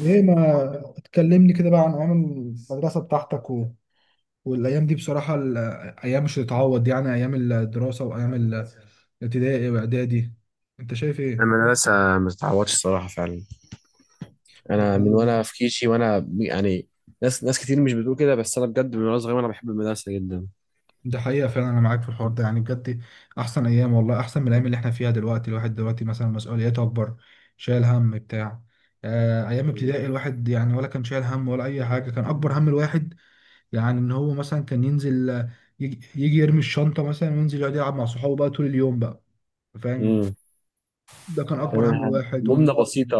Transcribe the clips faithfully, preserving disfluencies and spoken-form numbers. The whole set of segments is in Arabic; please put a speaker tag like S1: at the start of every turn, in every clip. S1: ايه ما تكلمني كده بقى عن ايام المدرسه بتاعتك و... والايام دي بصراحه، الايام مش هتتعوض، يعني ايام الدراسه وايام الابتدائي واعدادي. انت شايف ايه؟
S2: المدرسة ما تتعوضش الصراحة فعلا.
S1: دي
S2: أنا من وأنا
S1: حقيقة.
S2: في كيشي وأنا يعني ناس ناس كتير مش بتقول كده، بس أنا بجد من وأنا صغير وأنا بحب المدرسة جدا.
S1: دي حقيقة فعلا، أنا معاك في الحوار ده يعني بجد. أحسن أيام والله، أحسن من الأيام اللي إحنا فيها دلوقتي. الواحد دلوقتي مثلا مسؤولياته أكبر، شايل هم بتاع آه، أيام ابتدائي. الواحد يعني ولا كان شايل هم ولا أي حاجة، كان أكبر هم الواحد يعني إن هو مثلا كان ينزل، آه، يجي يجي يرمي الشنطة مثلا وينزل يقعد يلعب مع صحابه بقى طول اليوم بقى، فاهم؟
S2: امم
S1: ده كان اكبر هم
S2: كمان
S1: واحد وان
S2: همومنا
S1: هو
S2: بسيطة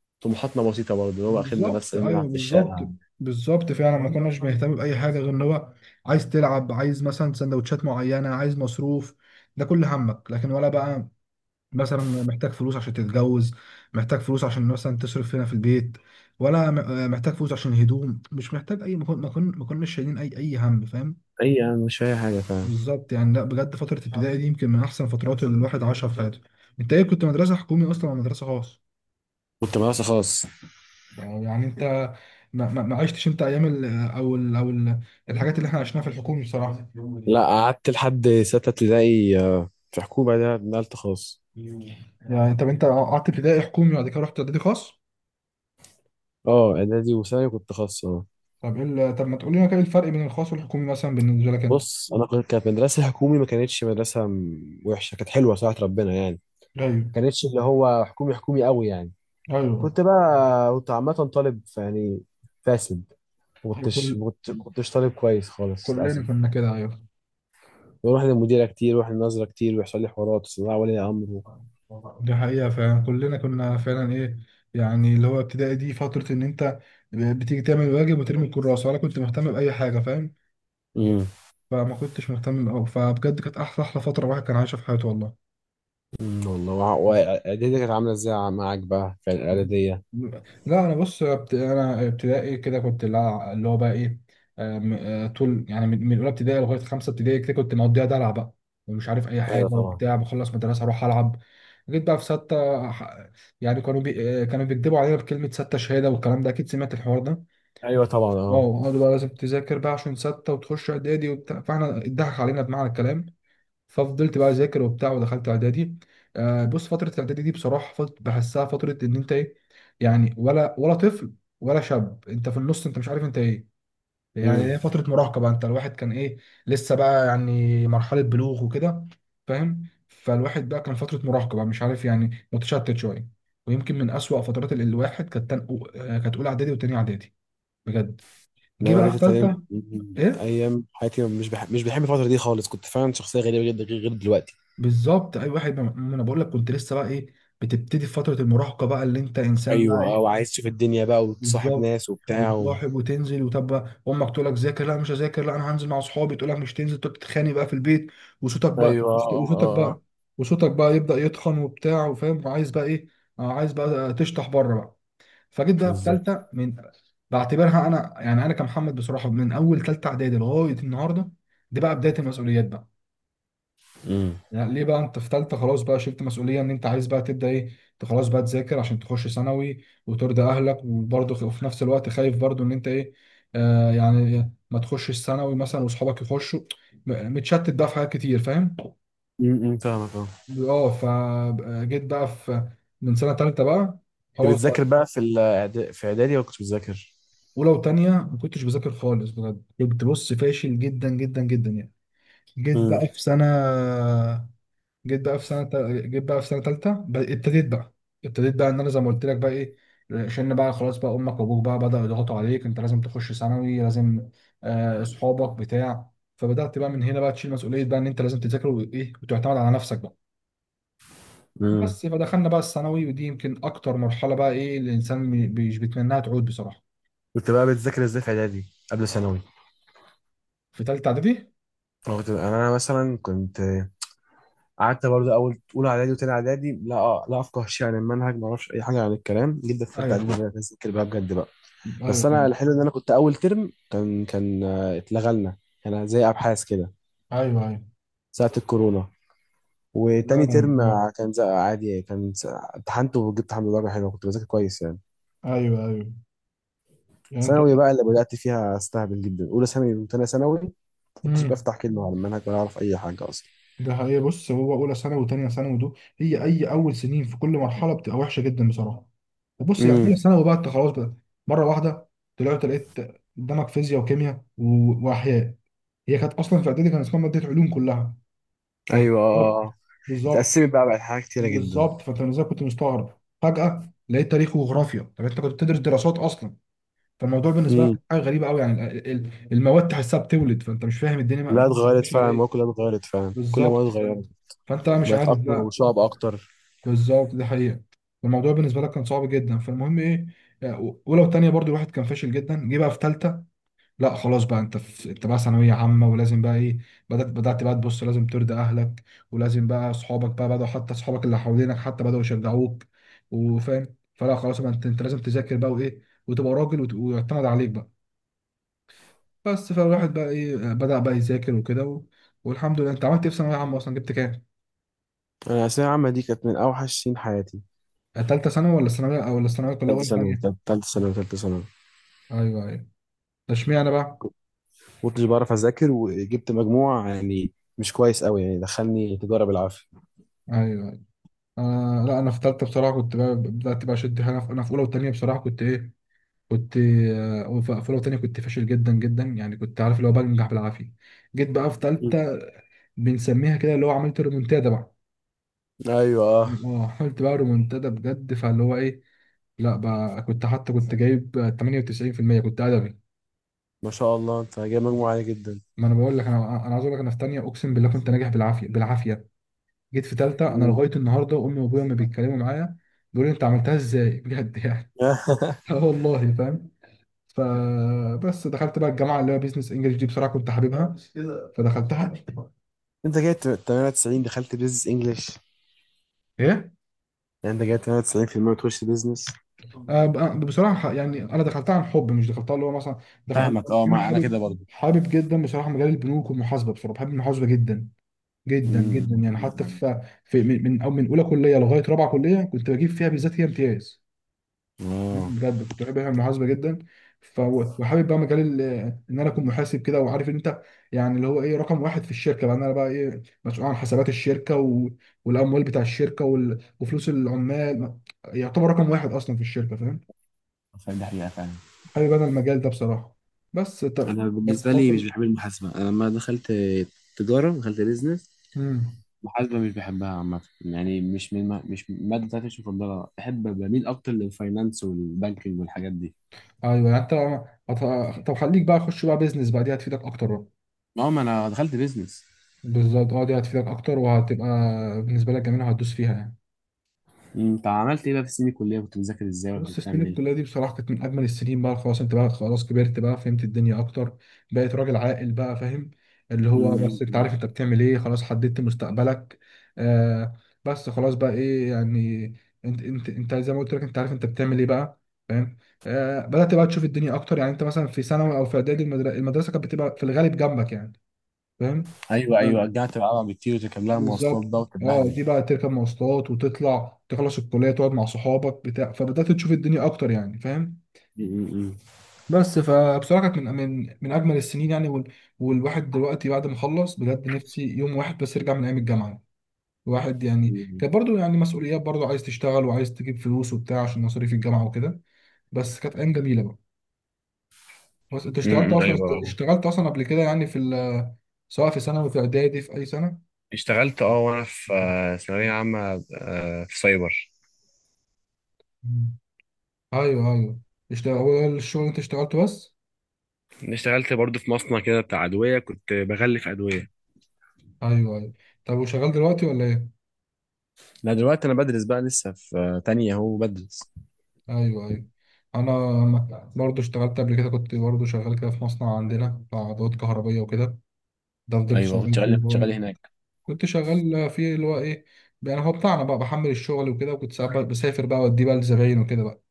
S2: وطموحاتنا بسيطة برضه، اللي هو آخرنا بس
S1: بالظبط. ايوه
S2: نلعب في
S1: بالظبط.
S2: الشارع.
S1: بالظبط فعلا، ما كناش بنهتم باي حاجه غير ان هو عايز تلعب، عايز مثلا سندوتشات معينه، عايز مصروف. ده كل همك. لكن ولا بقى مثلا محتاج فلوس عشان تتجوز، محتاج فلوس عشان مثلا تصرف هنا في البيت، ولا م- آه، محتاج فلوس عشان هدوم. مش محتاج اي ما كن- ما كن- ما كناش شايلين اي اي هم، فاهم؟
S2: أي يعني مش أي حاجة فعلا.
S1: بالظبط يعني. لا بجد فتره ابتدائي دي يمكن من احسن فترات اللي الواحد عاشها في حياته. انت ايه، كنت مدرسه حكومي اصلا ولا مدرسه خاص؟
S2: كنت مدرسة خاص.
S1: آه، يعني انت ما, ما, ما عشتش انت ايام ال او ال او ال الحاجات اللي احنا عشناها في الحكومي بصراحه.
S2: لا، قعدت لحد ستة ابتدائي آه، في حكومة، ده نقلت خاص.
S1: يعني طب انت قعدت ابتدائي حكومي وبعد كده رحت اعدادي خاص.
S2: أه إعدادي وثانوي كنت خاص أه.
S1: طب ايه ال- طب ما تقول لنا كده ايه الفرق بين الخاص والحكومي مثلا بالنسبه لك انت.
S2: بص أنا كنت- كانت مدرسة حكومي، ما كانتش مدرسة م- وحشة، كانت حلوة صراحة، ربنا يعني.
S1: ايوه.
S2: كانتش اللي هو حكومي حكومي قوي يعني.
S1: ايوه.
S2: كنت بقى كنت عامة طالب يعني فاسد. ما
S1: ايوه،
S2: كنتش
S1: كل
S2: ما كنت- ما كنتش طالب كويس خالص
S1: كلنا
S2: للأسف.
S1: كنا كده، ايوه.
S2: بروح للمديرة كتير واروح للنظرة كتير ويحصل لي حوارات وصداع ولي أمر.
S1: دي حقيقة فعلا، كلنا كنا فعلا ايه يعني، اللي هو ابتدائي دي فترة ان انت بتيجي تعمل واجب وترمي الكراسة ولا كنت مهتم بأي حاجة، فاهم؟
S2: امم
S1: فما كنتش مهتم أوي، فبجد كانت أحلى أحلى فترة الواحد كان عايشها في حياته والله.
S2: والله. وع- وإعدادية كانت عاملة إزاي معاك بقى في الإعدادية؟
S1: لا انا بص ابت- انا ابتدائي كده كنت لا- اللي هو بقى ايه، آه، م- آه، طول يعني من من اولى ابتدائي لغايه خمسه ابتدائي كده كنت مقضيها دلع بقى، ومش عارف اي حاجه
S2: أيوه طبعا.
S1: وبتاع، بخلص مدرسه اروح العب. جيت بقى في سته ح- يعني كانوا بي آه، كانوا بيكدبوا علينا بكلمه سته شهاده والكلام ده، اكيد سمعت الحوار ده.
S2: أيوه طبعا أه.
S1: اه قالوا بقى لازم تذاكر بقى عشان سته وتخش اعدادي وبتاع، فاحنا اتضحك علينا بمعنى الكلام. ففضلت بقى اذاكر وبتاع ودخلت اعدادي. آه بص فتره الاعدادي دي بصراحه فضلت بحسها فتره ان انت ايه يعني، ولا ولا طفل ولا شاب، انت في النص انت مش عارف انت ايه
S2: امم
S1: يعني. هي فتره مراهقه بقى، انت الواحد كان ايه، لسه بقى يعني مرحله بلوغ وكده، فاهم؟ فالواحد بقى كان فتره مراهقه بقى مش عارف، يعني متشتت شويه. ويمكن من اسوأ فترات ال- الواحد كانت تن- آه، كانت اولى اعدادي وتانية اعدادي بجد. جه
S2: إنما
S1: بقى
S2: إعدادية
S1: في
S2: كانت أيام
S1: ثالثه
S2: مم.
S1: ايه.
S2: أيام حياتي، مش بح... مش بحب الفترة دي خالص، كنت فعلا شخصية غريبة جدا غير غير دلوقتي.
S1: بالظبط، اي واحد، ما انا بقول لك كنت لسه بقى ايه، بتبتدي في فتره المراهقه بقى، اللي انت انسان بقى
S2: أيوه أه،
S1: ايه.
S2: وعايز تشوف الدنيا بقى وتصاحب
S1: بالظبط،
S2: ناس وبتاع.
S1: وتصاحب وتنزل، وطب بقى امك تقول لك ذاكر، لا مش هذاكر، لا انا هنزل مع اصحابي، تقول لك مش تنزل، تقعد تتخانق بقى في البيت. وصوتك بقى
S2: ايوه اه اه
S1: وصوتك
S2: اه
S1: بقى
S2: آه.
S1: وصوتك بقى يبدا يتخن وبتاع، وفاهم عايز بقى ايه، عايز بقى تشطح بره بقى. فجيت بقى في
S2: بالظبط.
S1: ثالثه. من بعتبرها انا يعني، انا كمحمد بصراحه، من اول ثالثه اعدادي لغايه النهارده دي بقى بدايه المسؤوليات بقى.
S2: امم
S1: يعني ليه؟ بقى انت في ثالثه خلاص بقى شلت مسؤوليه ان انت عايز بقى تبدا ايه، انت خلاص بقى تذاكر عشان تخش ثانوي وترضي اهلك، وبرضه خ- وفي نفس الوقت خايف برضه ان انت ايه، آه يعني ما تخشش ثانوي مثلا واصحابك يخشوا، م- متشتت بقى في حاجات كتير، فاهم؟
S2: امم فاهمك اه.
S1: اه. فجيت بقى في، من سنه ثالثه بقى
S2: كنت
S1: خلاص بقى.
S2: بتذاكر بقى في الإعدا- في اعدادي ولا كنتش بتذاكر؟
S1: اولى وثانيه ما كنتش بذاكر خالص بجد، كنت بص فاشل جدا جدا جدا يعني. جيت بقى
S2: امم
S1: في سنه جيت بقى في سنه تا- جيت بقى في سنه ثالثه ابتديت بقى. ابتديت بقى ان انا زي ما قلت لك بقى ايه، عشان بقى خلاص بقى امك وابوك بقى بداوا يضغطوا عليك انت لازم تخش ثانوي لازم، آه، اصحابك بتاع. فبدات بقى من هنا بقى تشيل مسؤوليه بقى ان انت لازم تذاكر وايه وتعتمد على نفسك بقى.
S2: امم
S1: بس فدخلنا بقى الثانوي ودي يمكن اكتر مرحله بقى ايه الانسان مي- مش بيتمناها تعود بصراحه.
S2: كنت بقى بتذاكر ازاي في اعدادي قبل ثانوي؟
S1: في ثالثه اعدادي.
S2: أنا كنت انا مثلا كنت قعدت برضه اول اولى اعدادي وتاني اعدادي لا آه لا افقه شيء عن المنهج، ما اعرفش اي حاجه عن الكلام جدا. في ثالثه
S1: ايوه،
S2: اعدادي بدات اذاكر بقى بجد بقى. بس انا
S1: ايوه،
S2: الحلو ان انا كنت اول ترم كان كان آه، اتلغى لنا، كان زي ابحاث كده
S1: ايوه، ايوه،
S2: ساعه الكورونا. وتاني ترم
S1: ايوه،
S2: كان زق عادي، كان س- امتحنت وجبت الحمد لله درجة حلوة، كنت بذاكر كويس يعني.
S1: ايوه, أيوة. يعني انت.
S2: ثانوي بقى اللي بدأت فيها استهبل جدا، أولى ثانوي وتانية ثانوي ما كنتش
S1: مم.
S2: بفتح كلمة على المنهج ولا أعرف أي حاجة أصلا.
S1: ده حقيقة. بص، هو أولى ثانوي وتانية ثانوي دول هي أي أول سنين في كل مرحلة بتبقى وحشة جدا بصراحة. وبص يعني
S2: امم
S1: أولى ثانوي بقى أنت خلاص بقى، مرة واحدة طلعت لقيت قدامك فيزياء وكيمياء و- وأحياء. هي كانت أصلا في إعدادي كان اسمها مادة علوم كلها،
S2: أيوه
S1: فاستغربت.
S2: آه آه.
S1: بالظبط.
S2: اتقسمت بقى بقت حاجات كتيرة جدا.
S1: بالظبط. فأنت إزاي كنت مستغرب فجأة لقيت تاريخ وجغرافيا؟ طب أنت كنت بتدرس دراسات أصلا، فالموضوع بالنسبة لك
S2: امم
S1: حاجة غريبة أوي يعني ال- ال- المواد تحسها بتولد، فأنت مش فاهم الدنيا ما-
S2: كلها اتغيرت
S1: ماشية على
S2: فعلا، المواد
S1: إيه.
S2: كلها اتغيرت فعلا، كل المواد
S1: بالظبط فأنت،
S2: اتغيرت.
S1: فانت بقى مش
S2: بقت
S1: عارف
S2: أكتر
S1: بقى.
S2: وصعب أكتر.
S1: بالظبط دي حقيقة. الموضوع بالنسبة لك كان صعب جدا. فالمهم ايه، ولو تانية برضو الواحد كان فاشل جدا. جه بقى في تالتة لا خلاص بقى، انت في انت بقى ثانوية عامة ولازم بقى ايه. بدأت بدأت بقى تبص لازم ترضي اهلك، ولازم بقى اصحابك بقى بدأوا، حتى اصحابك اللي حوالينك حتى بدأوا يشجعوك، وفاهم، فلا خلاص بقى انت انت لازم تذاكر بقى وايه، وتبقى راجل وت- ويعتمد عليك بقى بس. فالواحد بقى ايه آه، بدأ بقى يذاكر وكده و... والحمد لله. انت عملت ايه في ثانوية عامة اصلا، جبت كام؟
S2: أنا الثانوية العامة دي كانت من أوحش سنين حياتي.
S1: تالتة ثانوي ولا ثانوية ولا الثانوية كلها
S2: تالتة
S1: ولا
S2: ثانوي
S1: تانية؟
S2: تالتة تالتة ثانوي تالتة ثانوي
S1: ايوه ايوه. اشمعنى بقى.
S2: ما كنتش بعرف أذاكر، وجبت مجموع يعني مش كويس قوي يعني، دخلني تجارة بالعافية.
S1: ايوه ايوه. انا لا، انا في ثالثه بصراحه كنت بقى بدات بقى اشد حاجه في- انا في اولى وثانيه بصراحه كنت ايه، كنت آه، في اولى وثانيه كنت فاشل جدا جدا يعني، كنت عارف اللي هو بنجح بالعافيه. جيت بقى في
S2: مم.
S1: ثالثه بنسميها كده اللي هو عملت ريمونتادا بقى.
S2: ايوه اه.
S1: اه عملت بقى ريمونتادا بجد، فاللي هو ايه لا بقى، كنت حتى كنت جايب تمانية وتسعين في المية كنت ادبي.
S2: ما شاء الله، انت جايب مجموع عالي جدا.
S1: ما انا بقول لك، انا انا عايز اقول لك انا في ثانيه اقسم بالله كنت ناجح بالعافيه بالعافيه. جيت في تالتة، انا
S2: مم.
S1: لغاية النهاردة امي وابويا ما بيتكلموا معايا، بيقولوا لي انت عملتها ازاي بجد يعني. اه والله فاهم. فبس دخلت بقى الجامعة اللي هي بيزنس انجلش دي بصراحة كنت حاببها فدخلتها.
S2: انت جايب تمانية وتسعين دخلت بيزنس انجلش؟
S1: ايه.
S2: يعني انت جايب ثمانية وتسعين بالمية وتخش بيزنس؟
S1: آه بقى- بصراحة يعني انا دخلتها عن حب، مش دخلتها اللي هو مثلا دخل...
S2: فاهمك اه،
S1: انا
S2: ما انا كده
S1: حابب،
S2: برضه.
S1: حابب جدا بصراحة مجال البنوك والمحاسبة، بصراحة بحب المحاسبة جدا جدا جدا يعني، حتى
S2: امم
S1: في في من من أو من اولى كلية لغاية رابعة كلية كنت بجيب فيها بالذات هي امتياز.
S2: اه،
S1: بجد كنت بحب المحاسبه جدا. ف- وحابب بقى مجال ال- ان انا اكون محاسب كده، وعارف ان انت يعني اللي هو ايه، رقم واحد في الشركه بقى، إن انا بقى ايه مسؤول عن حسابات الشركه و... والاموال بتاع الشركه وال... وفلوس العمال، يعتبر رقم واحد اصلا في الشركه، فاهم؟
S2: فاهم، دي حقيقة فعلا.
S1: حابب انا المجال ده بصراحه. بس طب.
S2: انا
S1: بس
S2: بالنسبة لي مش
S1: فتره.
S2: بحب المحاسبة. انا لما دخلت تجارة دخلت بيزنس،
S1: امم.
S2: المحاسبة مش بحبها عامة يعني، مش من ما... مش المادة بتاعتي، مش مفضلة، بحب بميل اكتر للفاينانس والبانكينج والحاجات دي.
S1: ايوه، يعني انت هت- طب خليك بقى خش بقى بيزنس بقى دي هتفيدك اكتر بقى.
S2: ما هو ما انا دخلت بيزنس.
S1: بالظبط اه، دي هتفيدك اكتر وهتبقى بالنسبه لك جميله، وهتدوس فيها يعني.
S2: امم طب عملت ايه بقى في السنين الكليه، كنت بتذاكر ازاي ولا كنت
S1: بص سنين
S2: بتعمل ايه؟
S1: الكلية دي بصراحة كانت من أجمل السنين بقى، خلاص أنت بقى خلاص كبرت بقى فهمت الدنيا أكتر، بقيت راجل عاقل بقى، فاهم؟ اللي هو بس أنت
S2: امم
S1: عارف أنت بتعمل إيه، خلاص حددت مستقبلك. آه. بس خلاص بقى إيه يعني، أنت أنت أنت زي ما قلت لك أنت عارف أنت بتعمل إيه بقى، فاهم؟ آه بدأت بقى تشوف الدنيا أكتر، يعني أنت مثلا في ثانوي أو في إعدادي المدر- المدرسة كانت بتبقى في الغالب جنبك يعني، فاهم؟
S2: ايوه ايوه،
S1: آه.
S2: رجعت بقى بكتير وتركب لها مواصلات
S1: بالظبط.
S2: بقى
S1: اه،
S2: وتتبهدل.
S1: دي بقى تركب مواصلات وتطلع تخلص الكلية تقعد مع صحابك بتاع، فبدأت تشوف الدنيا أكتر يعني، فاهم؟
S2: امم
S1: بس فبصراحه كانت من من من اجمل السنين يعني، وال- والواحد دلوقتي بعد ما خلص بجد نفسي يوم واحد بس يرجع من ايام الجامعه. الواحد يعني كانت برضو يعني مسؤوليات، برضو عايز تشتغل وعايز تجيب فلوس وبتاع عشان مصاريف الجامعه وكده، بس كانت ايام جميله بقى. بس انت اشتغلت
S2: امم
S1: اصلا؟
S2: ايوه.
S1: اشتغلت اصلا قبل كده يعني في ال- سواء في ثانوي في اعدادي في اي سنه؟
S2: اشتغلت اه وانا في آه، ثانويه عامه آه، في سايبر.
S1: مم. ايوه ايوه. اشتغل، هو ده الشغل اللي انت اشتغلته بس؟
S2: اشتغلت برضو في مصنع كده بتاع ادويه، كنت بغلف ادويه.
S1: ايوه ايوه. طب وشغال دلوقتي ولا ايه؟
S2: لا دلوقتي انا بدرس بقى لسه في آه، تانية اهو بدرس.
S1: ايوه ايوه. انا برضو اشتغلت قبل كده، كنت برضو شغال كده في مصنع عندنا بتاع ادوات كهربيه وكده. ده فضلت
S2: ايوه كنت
S1: شغال فيه
S2: شغال
S1: اللي
S2: كنت
S1: هو-
S2: شغال هناك.
S1: كنت شغال فيه اللي هو ايه يعني، هو بتاعنا بقى بحمل الشغل وكده، وكنت ساعات بقى بسافر بقى واديه بقى لزباين وكده بقى،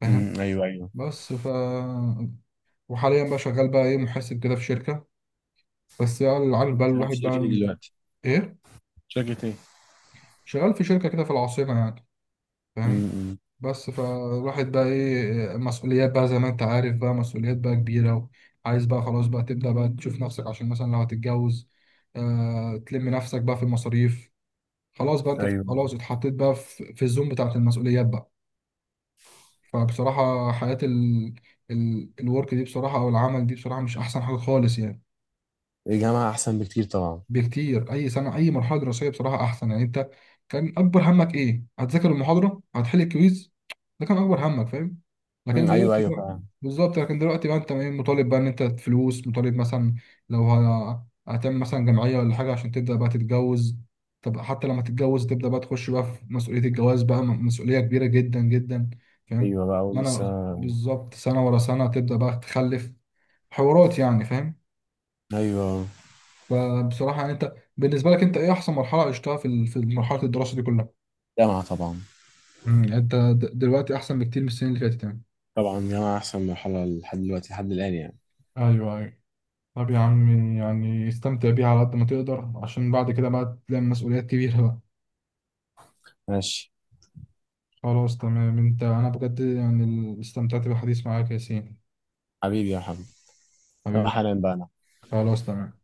S1: فاهم؟
S2: امم ايوه ايوه.
S1: بس ف، وحاليا بقى شغال بقى ايه محاسب كده في شركه، بس بقى اللي عارف
S2: كنت
S1: بقى
S2: شغال في
S1: الواحد
S2: شركه ايه
S1: بقى
S2: دلوقتي؟
S1: ايه.
S2: شركه ايه؟
S1: شغال في شركه كده في العاصمه يعني، فاهم؟
S2: امم
S1: بس فالواحد بقى ايه مسؤوليات بقى زي ما انت عارف بقى مسؤوليات بقى كبيرة، وعايز بقى خلاص بقى تبدأ بقى تشوف نفسك عشان مثلا لو هتتجوز، آه تلم نفسك بقى في المصاريف، خلاص بقى انت
S2: ايوه.
S1: خلاص اتحطيت بقى في, في الزوم بتاعت المسؤوليات بقى. فبصراحة حياة ال ال الورك دي بصراحة او العمل دي بصراحة مش احسن حاجة خالص يعني.
S2: الجامعه احسن بكتير طبعا.
S1: بكتير، اي سنه اي مرحله دراسيه بصراحه احسن، يعني انت كان اكبر همك ايه، هتذاكر المحاضره، هتحل الكويز، ده كان اكبر همك، فاهم؟ لكن
S2: امم ايوه
S1: دلوقتي
S2: ايوه
S1: بقى.
S2: فعلا.
S1: بالظبط، لكن دلوقتي بقى انت ايه مطالب بقى ان انت فلوس، مطالب مثلا لو ه- هتعمل مثلا جمعيه ولا حاجه عشان تبدا بقى تتجوز، طب حتى لما تتجوز تبدا بقى تخش بقى في مسؤوليه الجواز بقى م- مسؤوليه كبيره جدا جدا، فاهم؟
S2: ايوه بقى
S1: ما
S2: ولسه.
S1: انا بالظبط، سنه ورا سنه تبدا بقى تخلف، حوارات يعني، فاهم؟
S2: ايوه
S1: فبصراحة يعني انت بالنسبة لك انت ايه احسن مرحلة عشتها في ال- في مرحلة الدراسة دي كلها؟
S2: جامعة طبعا.
S1: امم يعني انت د- دلوقتي احسن بكتير من السنين اللي فاتت يعني.
S2: طبعا جامعة احسن مرحلة لحد دلوقتي لحد الان يعني.
S1: ايوه ايوه. طب يا عمي يعني استمتع بيها على قد ما تقدر، عشان بعد كده بقى تلاقي مسؤوليات كبيرة بقى.
S2: ماشي.
S1: خلاص تمام انت. انا بجد يعني استمتعت بالحديث معاك يا ياسين.
S2: حبيبي يا محمد. طب
S1: حبيبي.
S2: حالا بقى أنا.
S1: خلاص تمام.